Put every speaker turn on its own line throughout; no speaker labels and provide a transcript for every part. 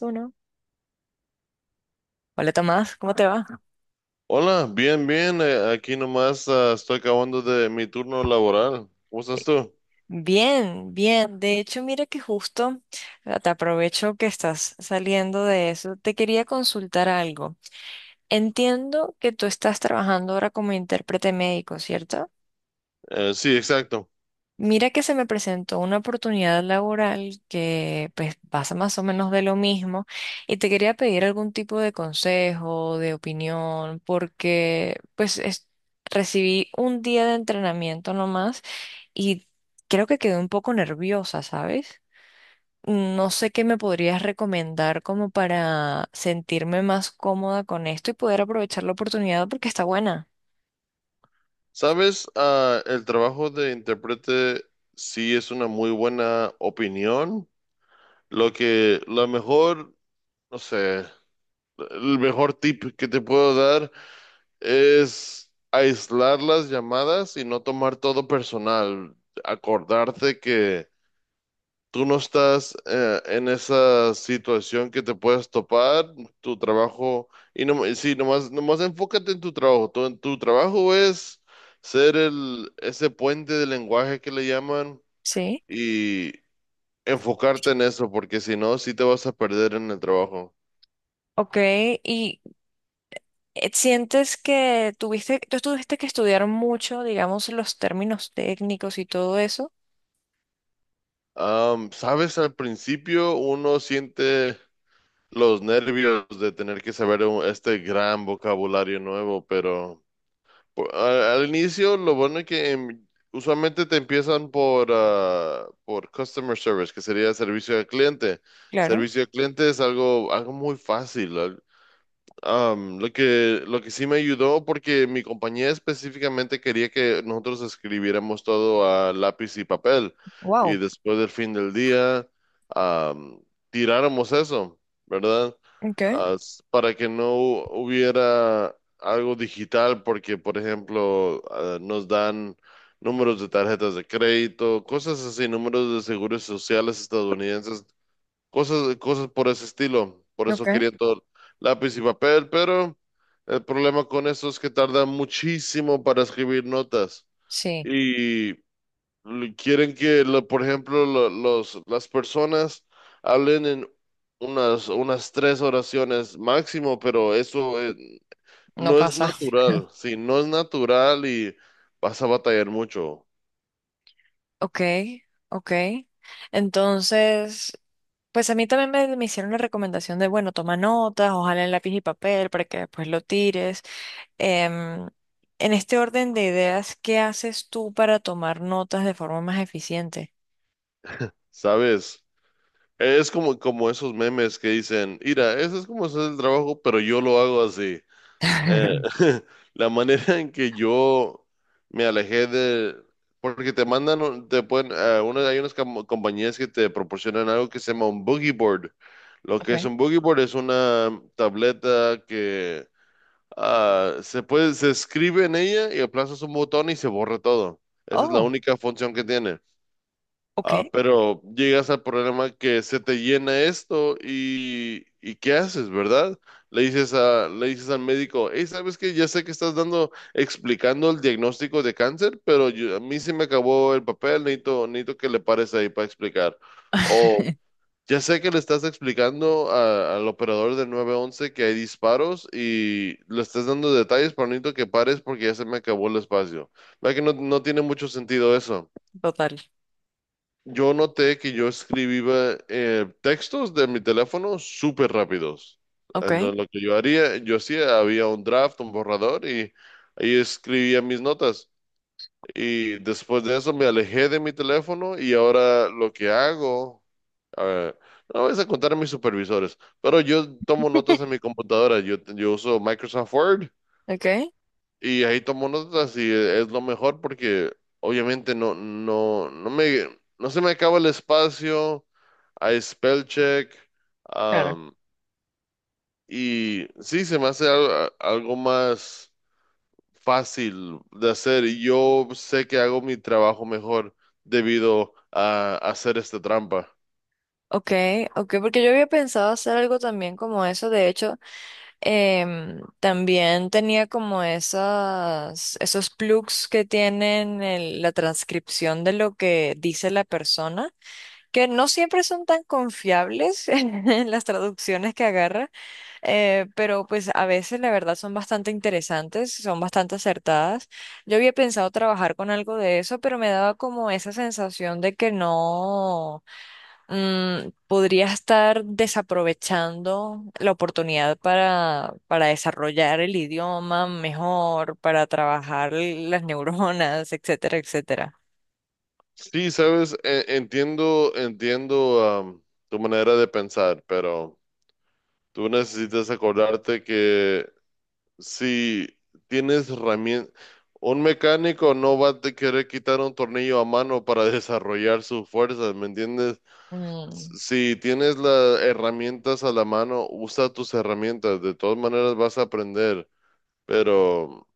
Uno. Hola Tomás, ¿cómo te va?
Hola, bien, bien. Aquí nomás estoy acabando de mi turno laboral. ¿Cómo estás tú?
Bien, bien. De hecho, mira que justo te aprovecho que estás saliendo de eso. Te quería consultar algo. Entiendo que tú estás trabajando ahora como intérprete médico, ¿cierto?
Sí, exacto.
Mira que se me presentó una oportunidad laboral que pues pasa más o menos de lo mismo y te quería pedir algún tipo de consejo, de opinión, porque pues recibí un día de entrenamiento nomás y creo que quedé un poco nerviosa, ¿sabes? No sé qué me podrías recomendar como para sentirme más cómoda con esto y poder aprovechar la oportunidad porque está buena,
Sabes, el trabajo de intérprete sí es una muy buena opinión. Lo que, la mejor, No sé, el mejor tip que te puedo dar es aislar las llamadas y no tomar todo personal. Acordarte que tú no estás en esa situación que te puedes topar, tu trabajo, y no, sí, nomás enfócate en tu trabajo. Tu trabajo es ser ese puente de lenguaje que le llaman
¿sí?
y enfocarte en eso, porque si no, sí te vas a perder en el trabajo.
Ok, y ¿Sientes que tú tuviste que estudiar mucho, digamos, los términos técnicos y todo eso?
Sabes, al principio uno siente los nervios de tener que saber este gran vocabulario nuevo, pero. Al inicio, lo bueno es que usualmente te empiezan por customer service, que sería servicio al cliente.
Claro.
Servicio al cliente es algo muy fácil. Lo que sí me ayudó, porque mi compañía específicamente quería que nosotros escribiéramos todo a lápiz y papel, y
Wow.
después del fin del día, am, tiráramos eso, ¿verdad?
Okay,
Para que no hubiera algo digital, porque, por ejemplo, nos dan números de tarjetas de crédito, cosas así, números de seguros sociales estadounidenses. Cosas por ese estilo. Por eso
okay.
querían todo lápiz y papel, pero el problema con eso es que tardan muchísimo para escribir notas.
Sí,
Y quieren que, por ejemplo, las personas hablen en unas tres oraciones máximo, pero eso
no
no es
pasa.
natural. Sí, no es natural y vas a batallar mucho,
Ok, ok. Entonces, pues a mí también me hicieron la recomendación de, bueno, toma notas, ojalá en lápiz y papel para que después lo tires. Em, en este orden de ideas, ¿qué haces tú para tomar notas de forma más eficiente?
¿sabes? Es como esos memes que dicen, mira, eso es como hacer el trabajo, pero yo lo hago así. Eh, la manera en que yo me alejé de. Porque te mandan, te pueden, hay unas compañías que te proporcionan algo que se llama un boogie board. Lo que es
Okay.
un boogie board es una tableta que se escribe en ella y aplazas un botón y se borra todo. Esa es la
Oh,
única función que tiene.
ok,
Pero llegas al problema que se te llena esto y ¿qué haces, verdad? Le le dices al médico, hey, ¿sabes qué? Ya sé que estás explicando el diagnóstico de cáncer, pero a mí se me acabó el papel, necesito que le pares ahí para explicar. O ya sé que le estás explicando al operador del 911 que hay disparos y le estás dando detalles, pero necesito que pares porque ya se me acabó el espacio. ¿La que no tiene mucho sentido eso?
total.
Yo noté que yo escribía textos de mi teléfono súper rápidos.
Ok.
Entonces, lo que yo haría, yo hacía, había un draft, un borrador y ahí escribía mis notas. Y después de eso me alejé de mi teléfono y ahora lo que hago, a ver, no voy a contar a mis supervisores, pero yo tomo notas en mi computadora. Yo uso Microsoft Word
Ok.
y ahí tomo notas y es lo mejor porque obviamente no se me acaba el espacio, hay spell check,
Claro.
am, y sí, se me hace algo más fácil de hacer. Y yo sé que hago mi trabajo mejor debido a hacer esta trampa.
Ok, ok, porque yo había pensado hacer algo también como eso. De hecho, también tenía como esos plugs que tienen la transcripción de lo que dice la persona, que no siempre son tan confiables en las traducciones que agarra, pero pues a veces la verdad son bastante interesantes, son bastante acertadas. Yo había pensado trabajar con algo de eso, pero me daba como esa sensación de que no. Podría estar desaprovechando la oportunidad para desarrollar el idioma mejor, para trabajar las neuronas, etcétera, etcétera.
Sí, sabes, entiendo, tu manera de pensar, pero tú necesitas acordarte que si tienes herramientas, un mecánico no va a te querer quitar un tornillo a mano para desarrollar sus fuerzas, ¿me entiendes?
Mm.
Si tienes las herramientas a la mano, usa tus herramientas. De todas maneras vas a aprender, pero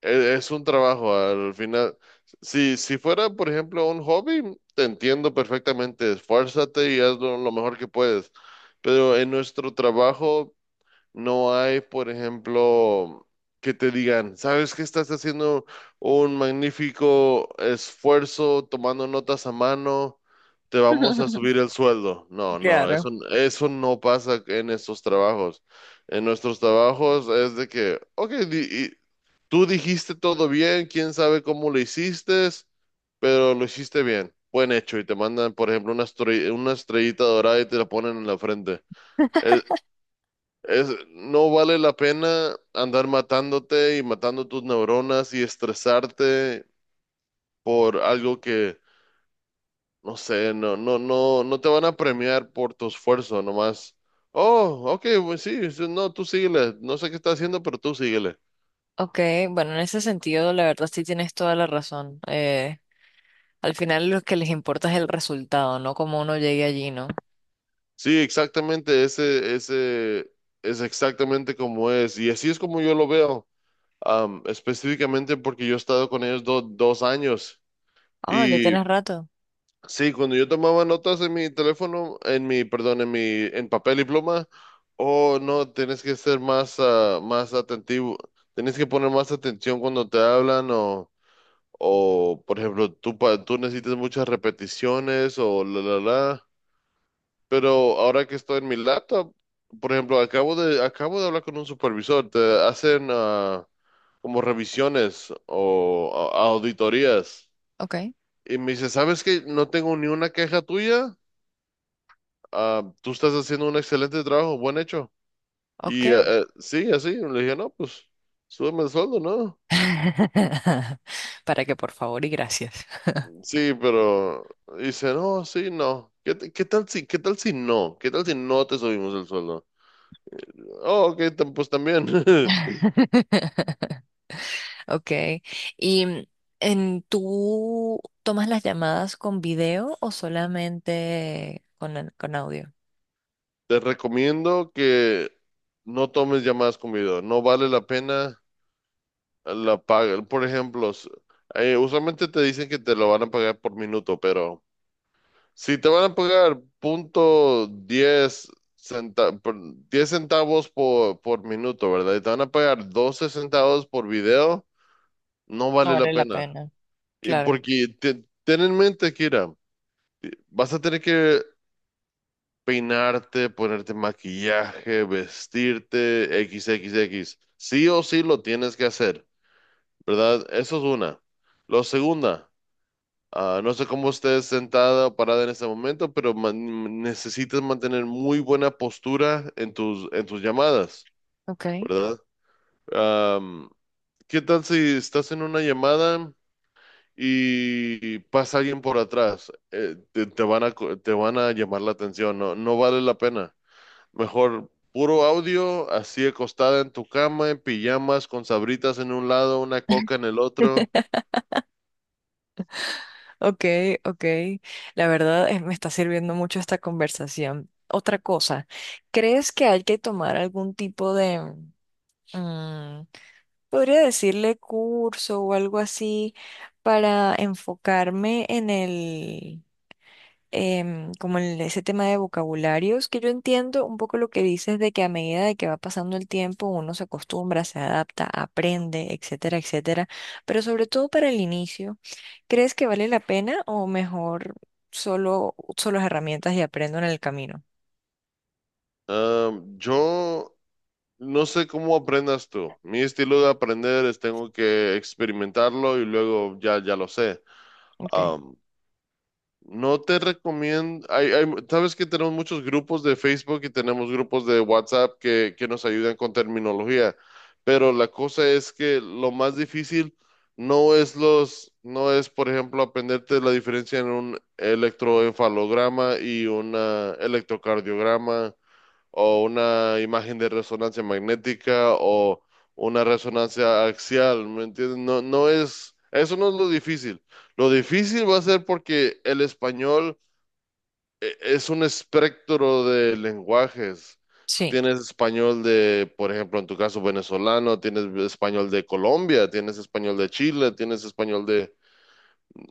es un trabajo. Al final, si fuera, por ejemplo, un hobby, te entiendo perfectamente. Esfuérzate y hazlo lo mejor que puedes. Pero en nuestro trabajo no hay, por ejemplo, que te digan, sabes que estás haciendo un magnífico esfuerzo tomando notas a mano, te vamos a subir el sueldo. No, no, eso,
Claro.
eso no pasa en estos trabajos. En nuestros trabajos es de que, ok, y tú dijiste todo bien, quién sabe cómo lo hiciste, pero lo hiciste bien, buen hecho, y te mandan, por ejemplo, una estrellita dorada y te la ponen en la frente. No vale la pena andar matándote y matando tus neuronas y estresarte por algo que, no sé, no te van a premiar por tu esfuerzo nomás. Oh, ok, pues sí, sí, no, tú síguele. No sé qué está haciendo, pero tú síguele.
Ok, bueno, en ese sentido, la verdad sí tienes toda la razón. Al final lo que les importa es el resultado, no cómo uno llegue allí, ¿no?
Sí, exactamente, ese es exactamente como es. Y así es como yo lo veo, específicamente porque yo he estado con ellos 2 años.
Ah, ya
Y
tienes rato.
sí, cuando yo tomaba notas en mi teléfono, en perdón, en en papel y pluma, oh no, tienes que ser más atentivo, tienes que poner más atención cuando te hablan o por ejemplo, tú necesitas muchas repeticiones o la, la, la. Pero ahora que estoy en mi laptop, por ejemplo, acabo de hablar con un supervisor, te hacen como revisiones o auditorías
Ok,
y me dice, ¿sabes que no tengo ni una queja tuya? Tú estás haciendo un excelente trabajo, buen hecho. Y
ok.
sí, así, le dije, no, pues súbeme el sueldo, ¿no?
Para que por favor y gracias.
Sí, pero dice, no, sí, no. ¿Qué, qué tal si no? ¿Qué tal si no te subimos el sueldo? Oh, ok, pues también.
Ok. ¿Y tú tomas las llamadas con video o solamente con, audio?
Te recomiendo que no tomes llamadas con video. No vale la pena la paga. Por ejemplo, usualmente te dicen que te lo van a pagar por minuto, pero. Si te van a pagar punto 10 centa- por- 10 centavos por minuto, ¿verdad? Y te van a pagar 12 centavos por video, no
No
vale la
vale la
pena.
pena.
Y
Claro.
porque ten en mente, Kira, vas a tener que peinarte, ponerte maquillaje, vestirte, XXX. Sí o sí lo tienes que hacer, ¿verdad? Eso es una. Lo segunda. No sé cómo estés sentada o parada en este momento, pero necesitas mantener muy buena postura en tus llamadas,
Ok.
¿verdad? Am, ¿Qué tal si estás en una llamada y pasa alguien por atrás? Te van a llamar la atención, no, no vale la pena. Mejor puro audio, así acostada en tu cama, en pijamas, con sabritas en un lado, una coca en el otro.
Ok, ok. La verdad me está sirviendo mucho esta conversación. Otra cosa, ¿crees que hay que tomar algún tipo de, mm, podría decirle curso o algo así para enfocarme en el em, como el- ese tema de vocabularios, que yo entiendo un poco lo que dices de que a medida de que va pasando el tiempo uno se acostumbra, se adapta, aprende, etcétera, etcétera, pero sobre todo para el inicio, ¿crees que vale la pena o mejor solo uso las herramientas y aprendo en el camino?
Yo no sé cómo aprendas tú. Mi estilo de aprender es tengo que experimentarlo y luego ya, ya lo sé.
Okay,
Am, no te recomiendo, sabes que tenemos muchos grupos de Facebook y tenemos grupos de WhatsApp que nos ayudan con terminología, pero la cosa es que lo más difícil no es, por ejemplo, aprenderte la diferencia en un electroencefalograma y un electrocardiograma o una imagen de resonancia magnética o una resonancia axial, ¿me entiendes? No, eso no es lo difícil. Lo difícil va a ser porque el español es un espectro de lenguajes.
sí,
Tienes español de, por ejemplo, en tu caso venezolano, tienes español de Colombia, tienes español de Chile, tienes español de,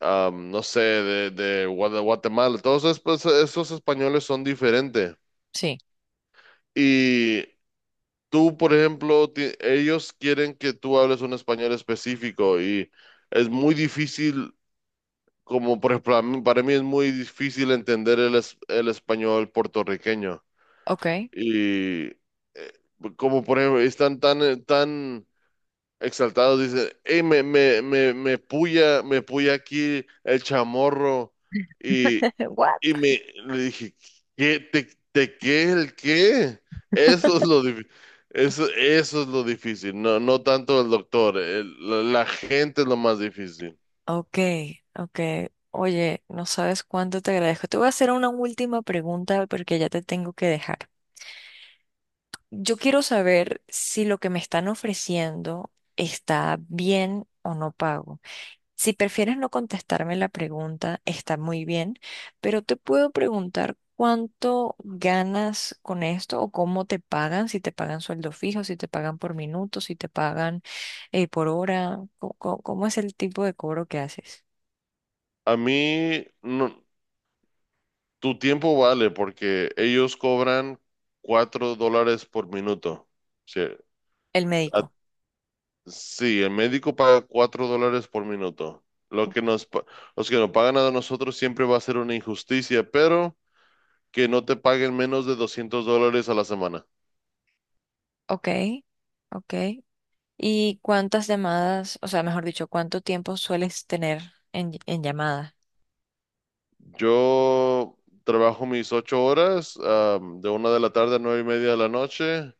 no sé, de Guatemala. Todos pues, esos españoles son diferentes.
sí,
Y tú, por ejemplo, ellos quieren que tú hables un español específico y es muy difícil, como por ejemplo, para mí es muy difícil entender el español puertorriqueño.
okay.
Y eh, como por ejemplo, están tan exaltados dicen, hey, me puya aquí el chamorro. Y,
What?
y me le dije, ¿qué, el qué? Eso es lo difícil. Eso es lo difícil, no tanto el doctor, la gente es lo más difícil.
Ok, ok. Oye, no sabes cuánto te agradezco. Te voy a hacer una última pregunta porque ya te tengo que dejar. Yo quiero saber si lo que me están ofreciendo está bien o no pago. Si prefieres no contestarme la pregunta, está muy bien, pero te puedo preguntar cuánto ganas con esto o cómo te pagan, si te pagan sueldo fijo, si te pagan por minuto, si te pagan por hora, ¿cómo, es el tipo de cobro que haces?
A mí, no, tu tiempo vale porque ellos cobran $4 por minuto. Sí,
El
a,
médico.
sí, el médico paga $4 por minuto. Lo que nos, pa- Los que nos pagan a nosotros siempre va a ser una injusticia, pero que no te paguen menos de $200 a la semana.
Ok, ok, ¿Y cuántas llamadas, o sea, mejor dicho, cuánto tiempo sueles tener en llamada?
Yo trabajo mis 8 horas, de 1 de la tarde a 9:30 de la noche,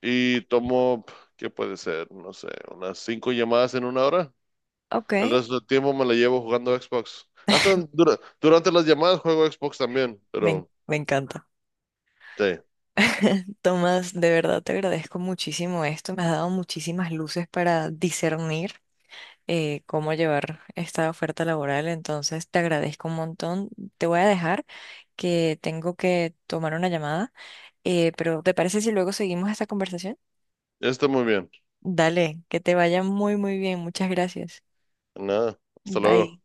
y tomo, ¿qué puede ser? No sé, unas 5 llamadas en una hora.
Ok,
El resto del tiempo me la llevo jugando Xbox. Hasta durante las llamadas juego Xbox también, pero
me encanta.
sí,
Tomás, de verdad te agradezco muchísimo esto. Me has dado muchísimas luces para discernir cómo llevar esta oferta laboral. Entonces, te agradezco un montón. Te voy a dejar que tengo que tomar una llamada, pero ¿te parece si luego seguimos esta conversación?
está muy bien.
Dale, que te vaya muy, muy bien. Muchas gracias.
Nada, hasta luego.
Bye.